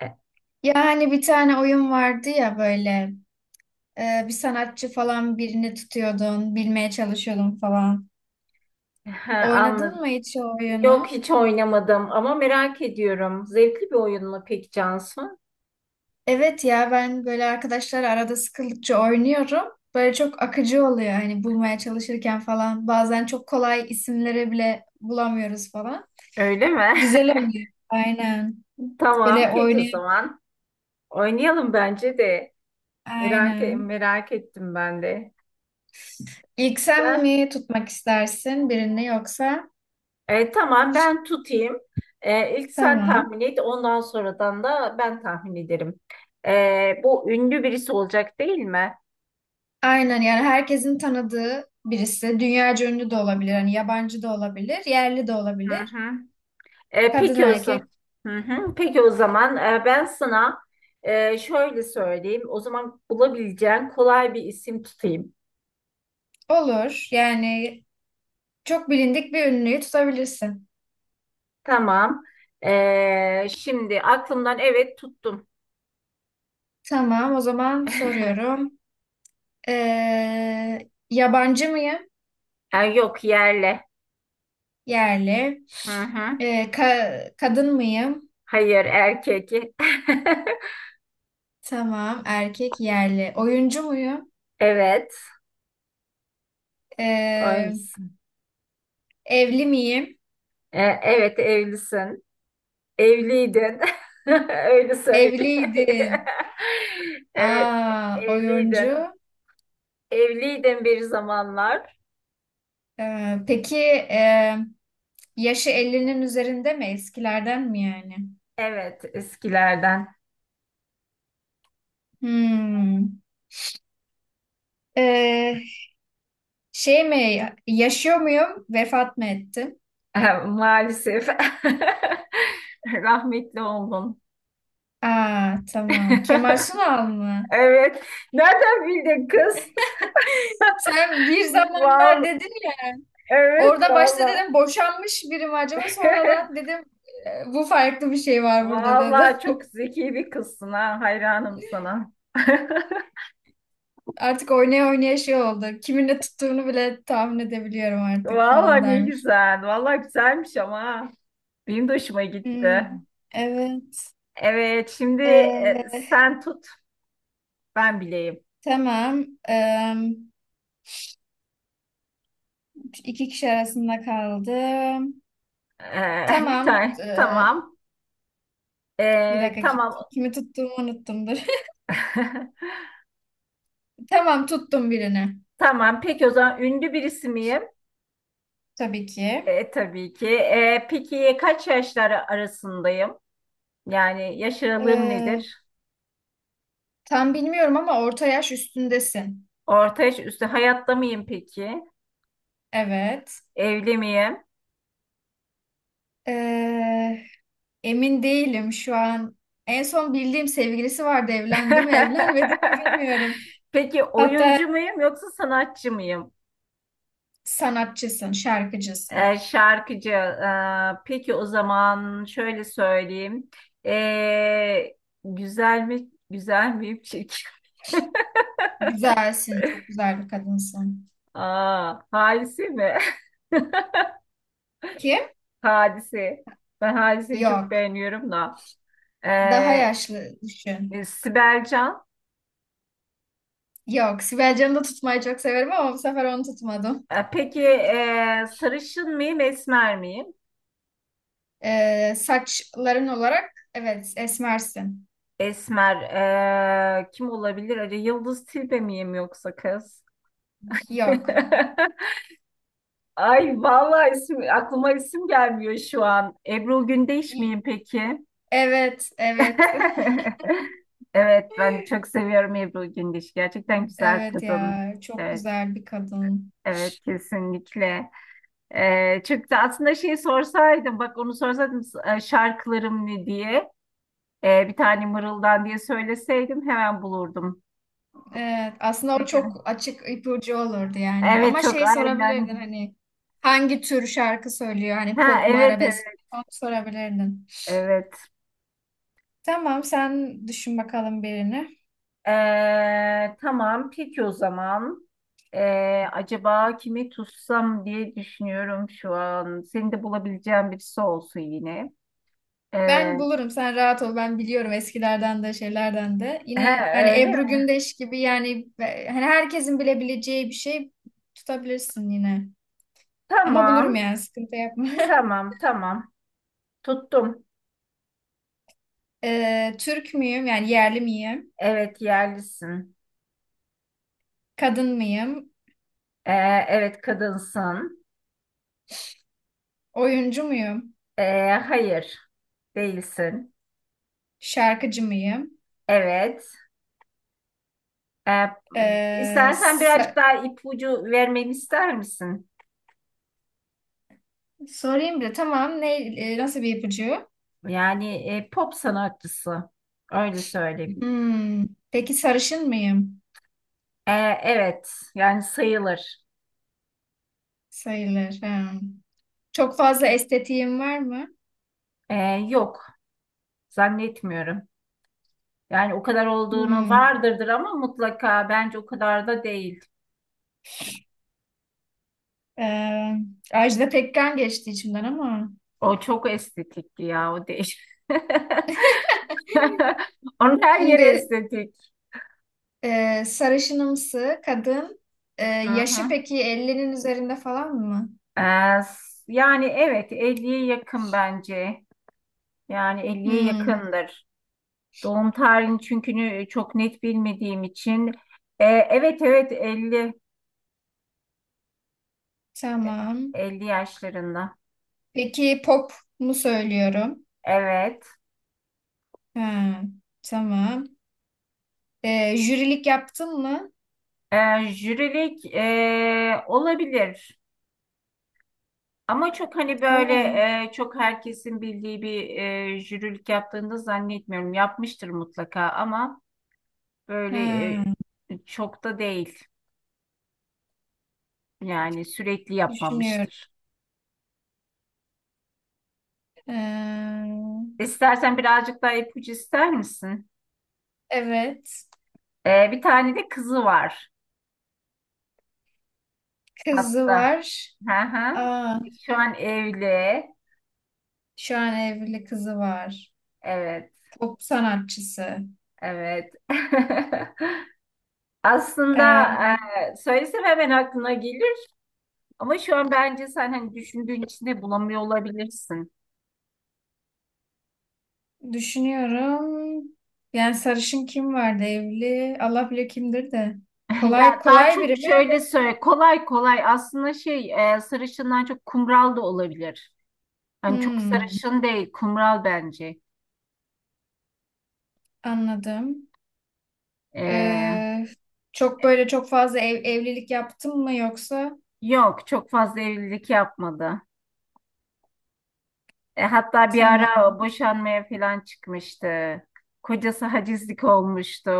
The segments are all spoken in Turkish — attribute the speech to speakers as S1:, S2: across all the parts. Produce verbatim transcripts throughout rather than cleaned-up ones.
S1: Ya hani bir tane oyun vardı ya böyle e, bir sanatçı falan birini tutuyordun, bilmeye çalışıyordun falan.
S2: Ha,
S1: Oynadın
S2: anladım.
S1: mı hiç o
S2: Yok
S1: oyunu?
S2: hiç oynamadım ama merak ediyorum. Zevkli bir oyun mu peki Cansu?
S1: Evet ya ben böyle arkadaşlar arada sıkıldıkça oynuyorum. Böyle çok akıcı oluyor hani bulmaya çalışırken falan. Bazen çok kolay isimleri bile bulamıyoruz falan.
S2: Öyle mi?
S1: Güzel oluyor. Aynen.
S2: Tamam
S1: Böyle
S2: peki o
S1: oynay
S2: zaman. Oynayalım bence de. Merak, e,
S1: Aynen.
S2: merak ettim ben de.
S1: İlk sen
S2: Ha?
S1: mi tutmak istersin birini yoksa?
S2: E, tamam ben tutayım. E, ilk sen
S1: Tamam.
S2: tahmin et ondan sonradan da ben tahmin ederim. E, bu ünlü birisi olacak değil mi?
S1: Aynen yani herkesin tanıdığı birisi. Dünyaca ünlü de olabilir. Hani yabancı da olabilir. Yerli de
S2: Hı
S1: olabilir.
S2: hı. E,
S1: Kadın
S2: peki o zaman.
S1: erkek
S2: Hı hı. Peki o zaman e, ben sana e, şöyle söyleyeyim. O zaman bulabileceğin kolay bir isim tutayım.
S1: olur. Yani çok bilindik bir ünlüyü tutabilirsin.
S2: Tamam. E, şimdi aklımdan evet tuttum.
S1: Tamam o zaman soruyorum. Ee, yabancı mıyım?
S2: E, yok yerle.
S1: Yerli.
S2: Hı hı.
S1: Ee, ka- kadın mıyım?
S2: Hayır erkek.
S1: Tamam erkek yerli. Oyuncu muyum?
S2: Evet.
S1: Ee,
S2: Oysun.
S1: evli miyim?
S2: E, evet evlisin. Evliydin. Öyle söyleyeyim.
S1: Evliydin.
S2: Evet
S1: Aa, oyuncu.
S2: evliydin. Evliydin bir zamanlar.
S1: Ee, peki e, yaşı elli'nin üzerinde mi? Eskilerden mi yani?
S2: Evet, eskilerden.
S1: Hmm. Ee, şey mi? Yaşıyor muyum? Vefat mı ettim?
S2: Maalesef. Rahmetli oldun.
S1: Aa, tamam. Kemal Sunal mı?
S2: Evet. Nereden bildin kız?
S1: Sen bir zamanlar
S2: Vallahi,
S1: dedin ya.
S2: evet
S1: Orada başta
S2: valla.
S1: dedim boşanmış biri mi acaba? Sonradan dedim "E, bu farklı bir şey var burada dedim."
S2: Valla çok zeki bir kızsın ha. Hayranım sana.
S1: Artık oynaya oynaya şey oldu. Kiminle tuttuğunu bile tahmin edebiliyorum artık
S2: Valla
S1: falan
S2: ne
S1: dermiş.
S2: güzel. Valla güzelmiş ama. Ha. Benim de hoşuma
S1: Hmm,
S2: gitti.
S1: evet.
S2: Evet, şimdi e,
S1: Ee,
S2: sen tut. Ben bileyim.
S1: tamam. Ee, iki kişi arasında kaldım.
S2: E, bir
S1: Tamam.
S2: tane.
S1: Ee,
S2: Tamam.
S1: bir
S2: E,
S1: dakika kim,
S2: tamam.
S1: kimi tuttuğumu unuttum. Dur. Tamam tuttum birini.
S2: Tamam, peki o zaman ünlü birisi miyim?
S1: Tabii ki.
S2: E, tabii ki. E, peki kaç yaşları arasındayım? Yani yaş aralığım
S1: Ee,
S2: nedir?
S1: tam bilmiyorum ama orta yaş üstündesin.
S2: Orta yaş üstü hayatta mıyım peki?
S1: Evet.
S2: Evli miyim?
S1: Ee, emin değilim şu an. En son bildiğim sevgilisi vardı. Evlendi mi, evlenmedi mi bilmiyorum.
S2: Peki
S1: Hatta
S2: oyuncu muyum yoksa sanatçı mıyım?
S1: sanatçısın, şarkıcısın.
S2: E, şarkıcı. E, peki o zaman şöyle söyleyeyim. E, Güzel mi? Güzel miyim? Çirkin.
S1: Güzelsin. Çok güzel bir kadınsın.
S2: Aa, halisi mi?
S1: Kim?
S2: Hadise. Ben Hadise'yi çok
S1: Yok.
S2: beğeniyorum da.
S1: Daha
S2: Ee,
S1: yaşlı düşün.
S2: e, Sibel Can.
S1: Yok. Sibel Can'ı da tutmayı çok severim ama bu sefer onu tutmadım.
S2: E, peki e, sarışın mıyım, esmer miyim?
S1: Ee, saçların olarak evet esmersin.
S2: Esmer. E, kim olabilir? Acaba Yıldız Tilbe miyim yoksa kız?
S1: Yok.
S2: Ay vallahi isim, aklıma isim gelmiyor şu an. Ebru Gündeş
S1: Y-
S2: miyim peki?
S1: Evet. Evet.
S2: Evet, ben de çok seviyorum Ebru Gündeş. Gerçekten güzel
S1: Evet
S2: kadın.
S1: ya. Çok
S2: Evet,
S1: güzel bir kadın.
S2: evet kesinlikle. Ee, çünkü aslında şeyi sorsaydım, bak onu sorsaydım e, şarkılarım ne diye, e, bir tane mırıldan diye söyleseydim hemen bulurdum.
S1: Evet. Aslında o
S2: Peki.
S1: çok açık ipucu olurdu yani.
S2: Evet
S1: Ama
S2: çok
S1: şey sorabilirdin,
S2: aynen.
S1: hani hangi tür şarkı söylüyor? Hani
S2: Ha
S1: pop mu,
S2: evet
S1: arabesk mi?
S2: evet
S1: Onu sorabilirdin.
S2: evet.
S1: Tamam sen düşün bakalım birini.
S2: Ee, tamam peki o zaman. Ee, acaba kimi tutsam diye düşünüyorum şu an. Seni de bulabileceğim birisi olsun yine. Ee,
S1: Ben bulurum, sen rahat ol, ben biliyorum eskilerden de şeylerden de.
S2: he,
S1: Yine
S2: öyle
S1: hani Ebru
S2: mi?
S1: Gündeş gibi yani, e, hani herkesin bilebileceği bir şey tutabilirsin yine. Ama bulurum
S2: Tamam
S1: yani, sıkıntı yapma.
S2: tamam tamam. Tuttum.
S1: Ee, Türk müyüm, yani yerli miyim?
S2: Evet yerlisin.
S1: Kadın mıyım?
S2: Ee, evet kadınsın.
S1: Oyuncu muyum?
S2: Ee, hayır değilsin.
S1: Şarkıcı mıyım?
S2: Evet. Ee,
S1: Ee,
S2: istersen birazcık
S1: sa-
S2: daha ipucu vermeni ister misin?
S1: sorayım bile tamam, ne e, nasıl bir ipucu?
S2: Yani e, pop sanatçısı. Öyle söyleyeyim.
S1: Hmm, peki sarışın mıyım?
S2: Ee, evet yani sayılır.
S1: Sayılır. Ha. Çok fazla estetiğim var mı?
S2: Ee, Yok zannetmiyorum. Yani o kadar olduğunu
S1: Hmm.
S2: vardırdır ama mutlaka bence o kadar da değil.
S1: Ee, Ajda Pekkan geçti içimden ama.
S2: O çok estetikti ya o değil. Onun her yeri
S1: Şimdi
S2: estetik.
S1: e, sarışınımsı kadın, e,
S2: Hı
S1: yaşı
S2: hı.
S1: peki ellinin üzerinde falan mı?
S2: Ee, s- Yani evet elliye yakın bence. Yani elliye
S1: Hmm,
S2: yakındır. Doğum tarihini çünkü çok net bilmediğim için. Ee, evet evet elli,
S1: tamam.
S2: elli yaşlarında.
S1: Peki pop mu söylüyorum?
S2: Evet.
S1: Ha, tamam. E, jürilik yaptın mı?
S2: Ee, jürilik ee, olabilir. Ama çok hani böyle
S1: Allah.
S2: ee, çok herkesin bildiği bir ee, jürilik yaptığını da zannetmiyorum. Yapmıştır mutlaka ama böyle
S1: Ha,
S2: ee, çok da değil. Yani sürekli
S1: düşünüyorum.
S2: yapmamıştır.
S1: Ee,
S2: İstersen birazcık daha ipucu ister misin?
S1: evet.
S2: Ee, bir tane de kızı var
S1: Kızı
S2: hatta.
S1: var.
S2: Hı hı.
S1: Aa,
S2: Şu an evli.
S1: şu an evli kızı var.
S2: Evet,
S1: Pop sanatçısı.
S2: evet. Aslında
S1: Ee,
S2: e, söylesem hemen aklına gelir ama şu an bence sen hani düşündüğün içinde bulamıyor olabilirsin.
S1: düşünüyorum. Yani sarışın kim vardı evli? Allah bilir kimdir de. Kolay
S2: Ya daha
S1: kolay
S2: çok
S1: biri mi?
S2: şöyle söyle kolay kolay aslında şey e, sarışından çok kumral da olabilir. Hani çok
S1: Hmm,
S2: sarışın değil kumral bence.
S1: anladım.
S2: E,
S1: Ee, çok böyle çok fazla ev, evlilik yaptın mı yoksa?
S2: Yok, çok fazla evlilik yapmadı. E, hatta bir
S1: Tamam.
S2: ara boşanmaya falan çıkmıştı. Kocası hacizlik olmuştu.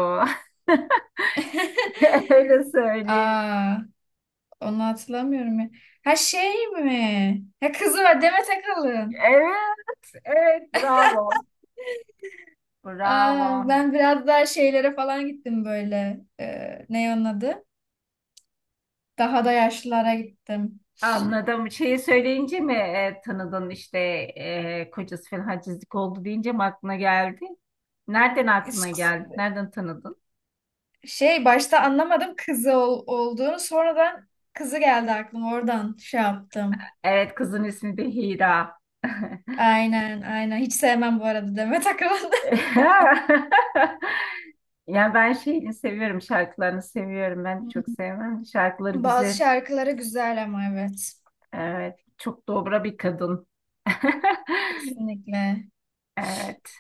S2: Öyle söyleyeyim.
S1: Aa, onu hatırlamıyorum ya. Ha şey mi? Ha, kızı var, Demet Akalın.
S2: Evet, evet, bravo.
S1: Aa,
S2: Bravo.
S1: ben biraz daha şeylere falan gittim böyle. Ee, ne onun adı? Daha da yaşlılara gittim.
S2: Anladım. Şeyi söyleyince mi e, tanıdın işte e, kocası falan hacizlik oldu deyince mi aklına geldi? Nereden aklına
S1: İs-
S2: geldi? Nereden tanıdın?
S1: Şey, başta anlamadım kızı ol- olduğunu. Sonradan kızı geldi aklıma. Oradan şey yaptım.
S2: Evet, kızın ismi de Hira.
S1: Aynen aynen. Hiç sevmem bu arada Demet Akalın.
S2: Ya ben şeyini seviyorum, şarkılarını seviyorum. Ben çok
S1: Hmm.
S2: sevmem. Şarkıları
S1: Bazı
S2: güzel.
S1: şarkıları güzel ama, evet.
S2: Evet, çok dobra bir kadın.
S1: Kesinlikle.
S2: Evet.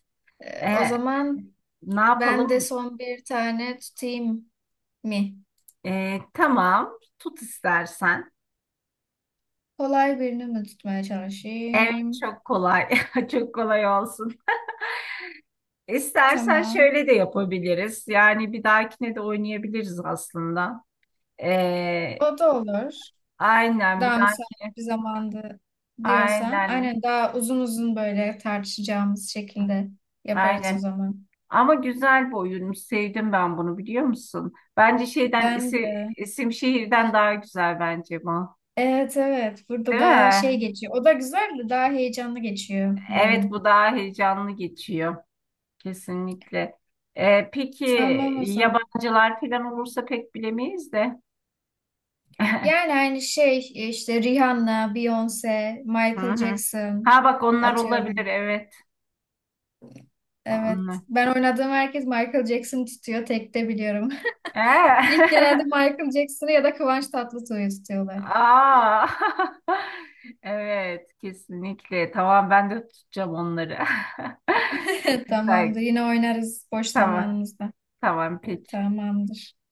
S1: Ee, o
S2: E,
S1: zaman
S2: Ne
S1: ben de
S2: yapalım?
S1: son bir tane tutayım mı?
S2: E, tamam, tut istersen.
S1: Kolay birini mi tutmaya
S2: Evet,
S1: çalışayım?
S2: çok kolay. Çok kolay olsun. İstersen
S1: Tamam.
S2: şöyle de yapabiliriz. Yani bir dahakine de oynayabiliriz aslında. E,
S1: O da olur.
S2: aynen bir
S1: Daha müsait
S2: dahaki.
S1: bir zamandı diyorsan.
S2: Aynen.
S1: Aynen, daha uzun uzun böyle tartışacağımız şekilde yaparız o
S2: Aynen.
S1: zaman.
S2: Ama güzel bir oyunmuş. Sevdim ben bunu biliyor musun? Bence şeyden
S1: Ben
S2: isim,
S1: de.
S2: isim şehirden daha güzel bence bu.
S1: Evet, evet. Burada
S2: Değil
S1: daha şey
S2: mi?
S1: geçiyor. O da güzel de, daha heyecanlı geçiyor bu
S2: Evet
S1: oyun.
S2: bu daha heyecanlı geçiyor. Kesinlikle. Ee, peki
S1: Tamam o zaman.
S2: yabancılar falan olursa pek bilemeyiz de.
S1: Yani aynı şey, e, işte Rihanna, Beyoncé,
S2: Hı
S1: Michael
S2: hı.
S1: Jackson
S2: Ha bak onlar olabilir
S1: atıyorum.
S2: evet. Onlar.
S1: Evet. Ben oynadığım herkes Michael Jackson tutuyor. Tek de biliyorum. İlk genelde
S2: Ee?
S1: Michael Jackson'ı ya da Kıvanç Tatlıtuğ'u tutuyorlar.
S2: Aa. Evet kesinlikle. Tamam ben de tutacağım onları.
S1: Evet,
S2: Güzel.
S1: tamamdır. Yine oynarız boş
S2: Tamam.
S1: zamanımızda.
S2: Tamam peki.
S1: Tamamdır.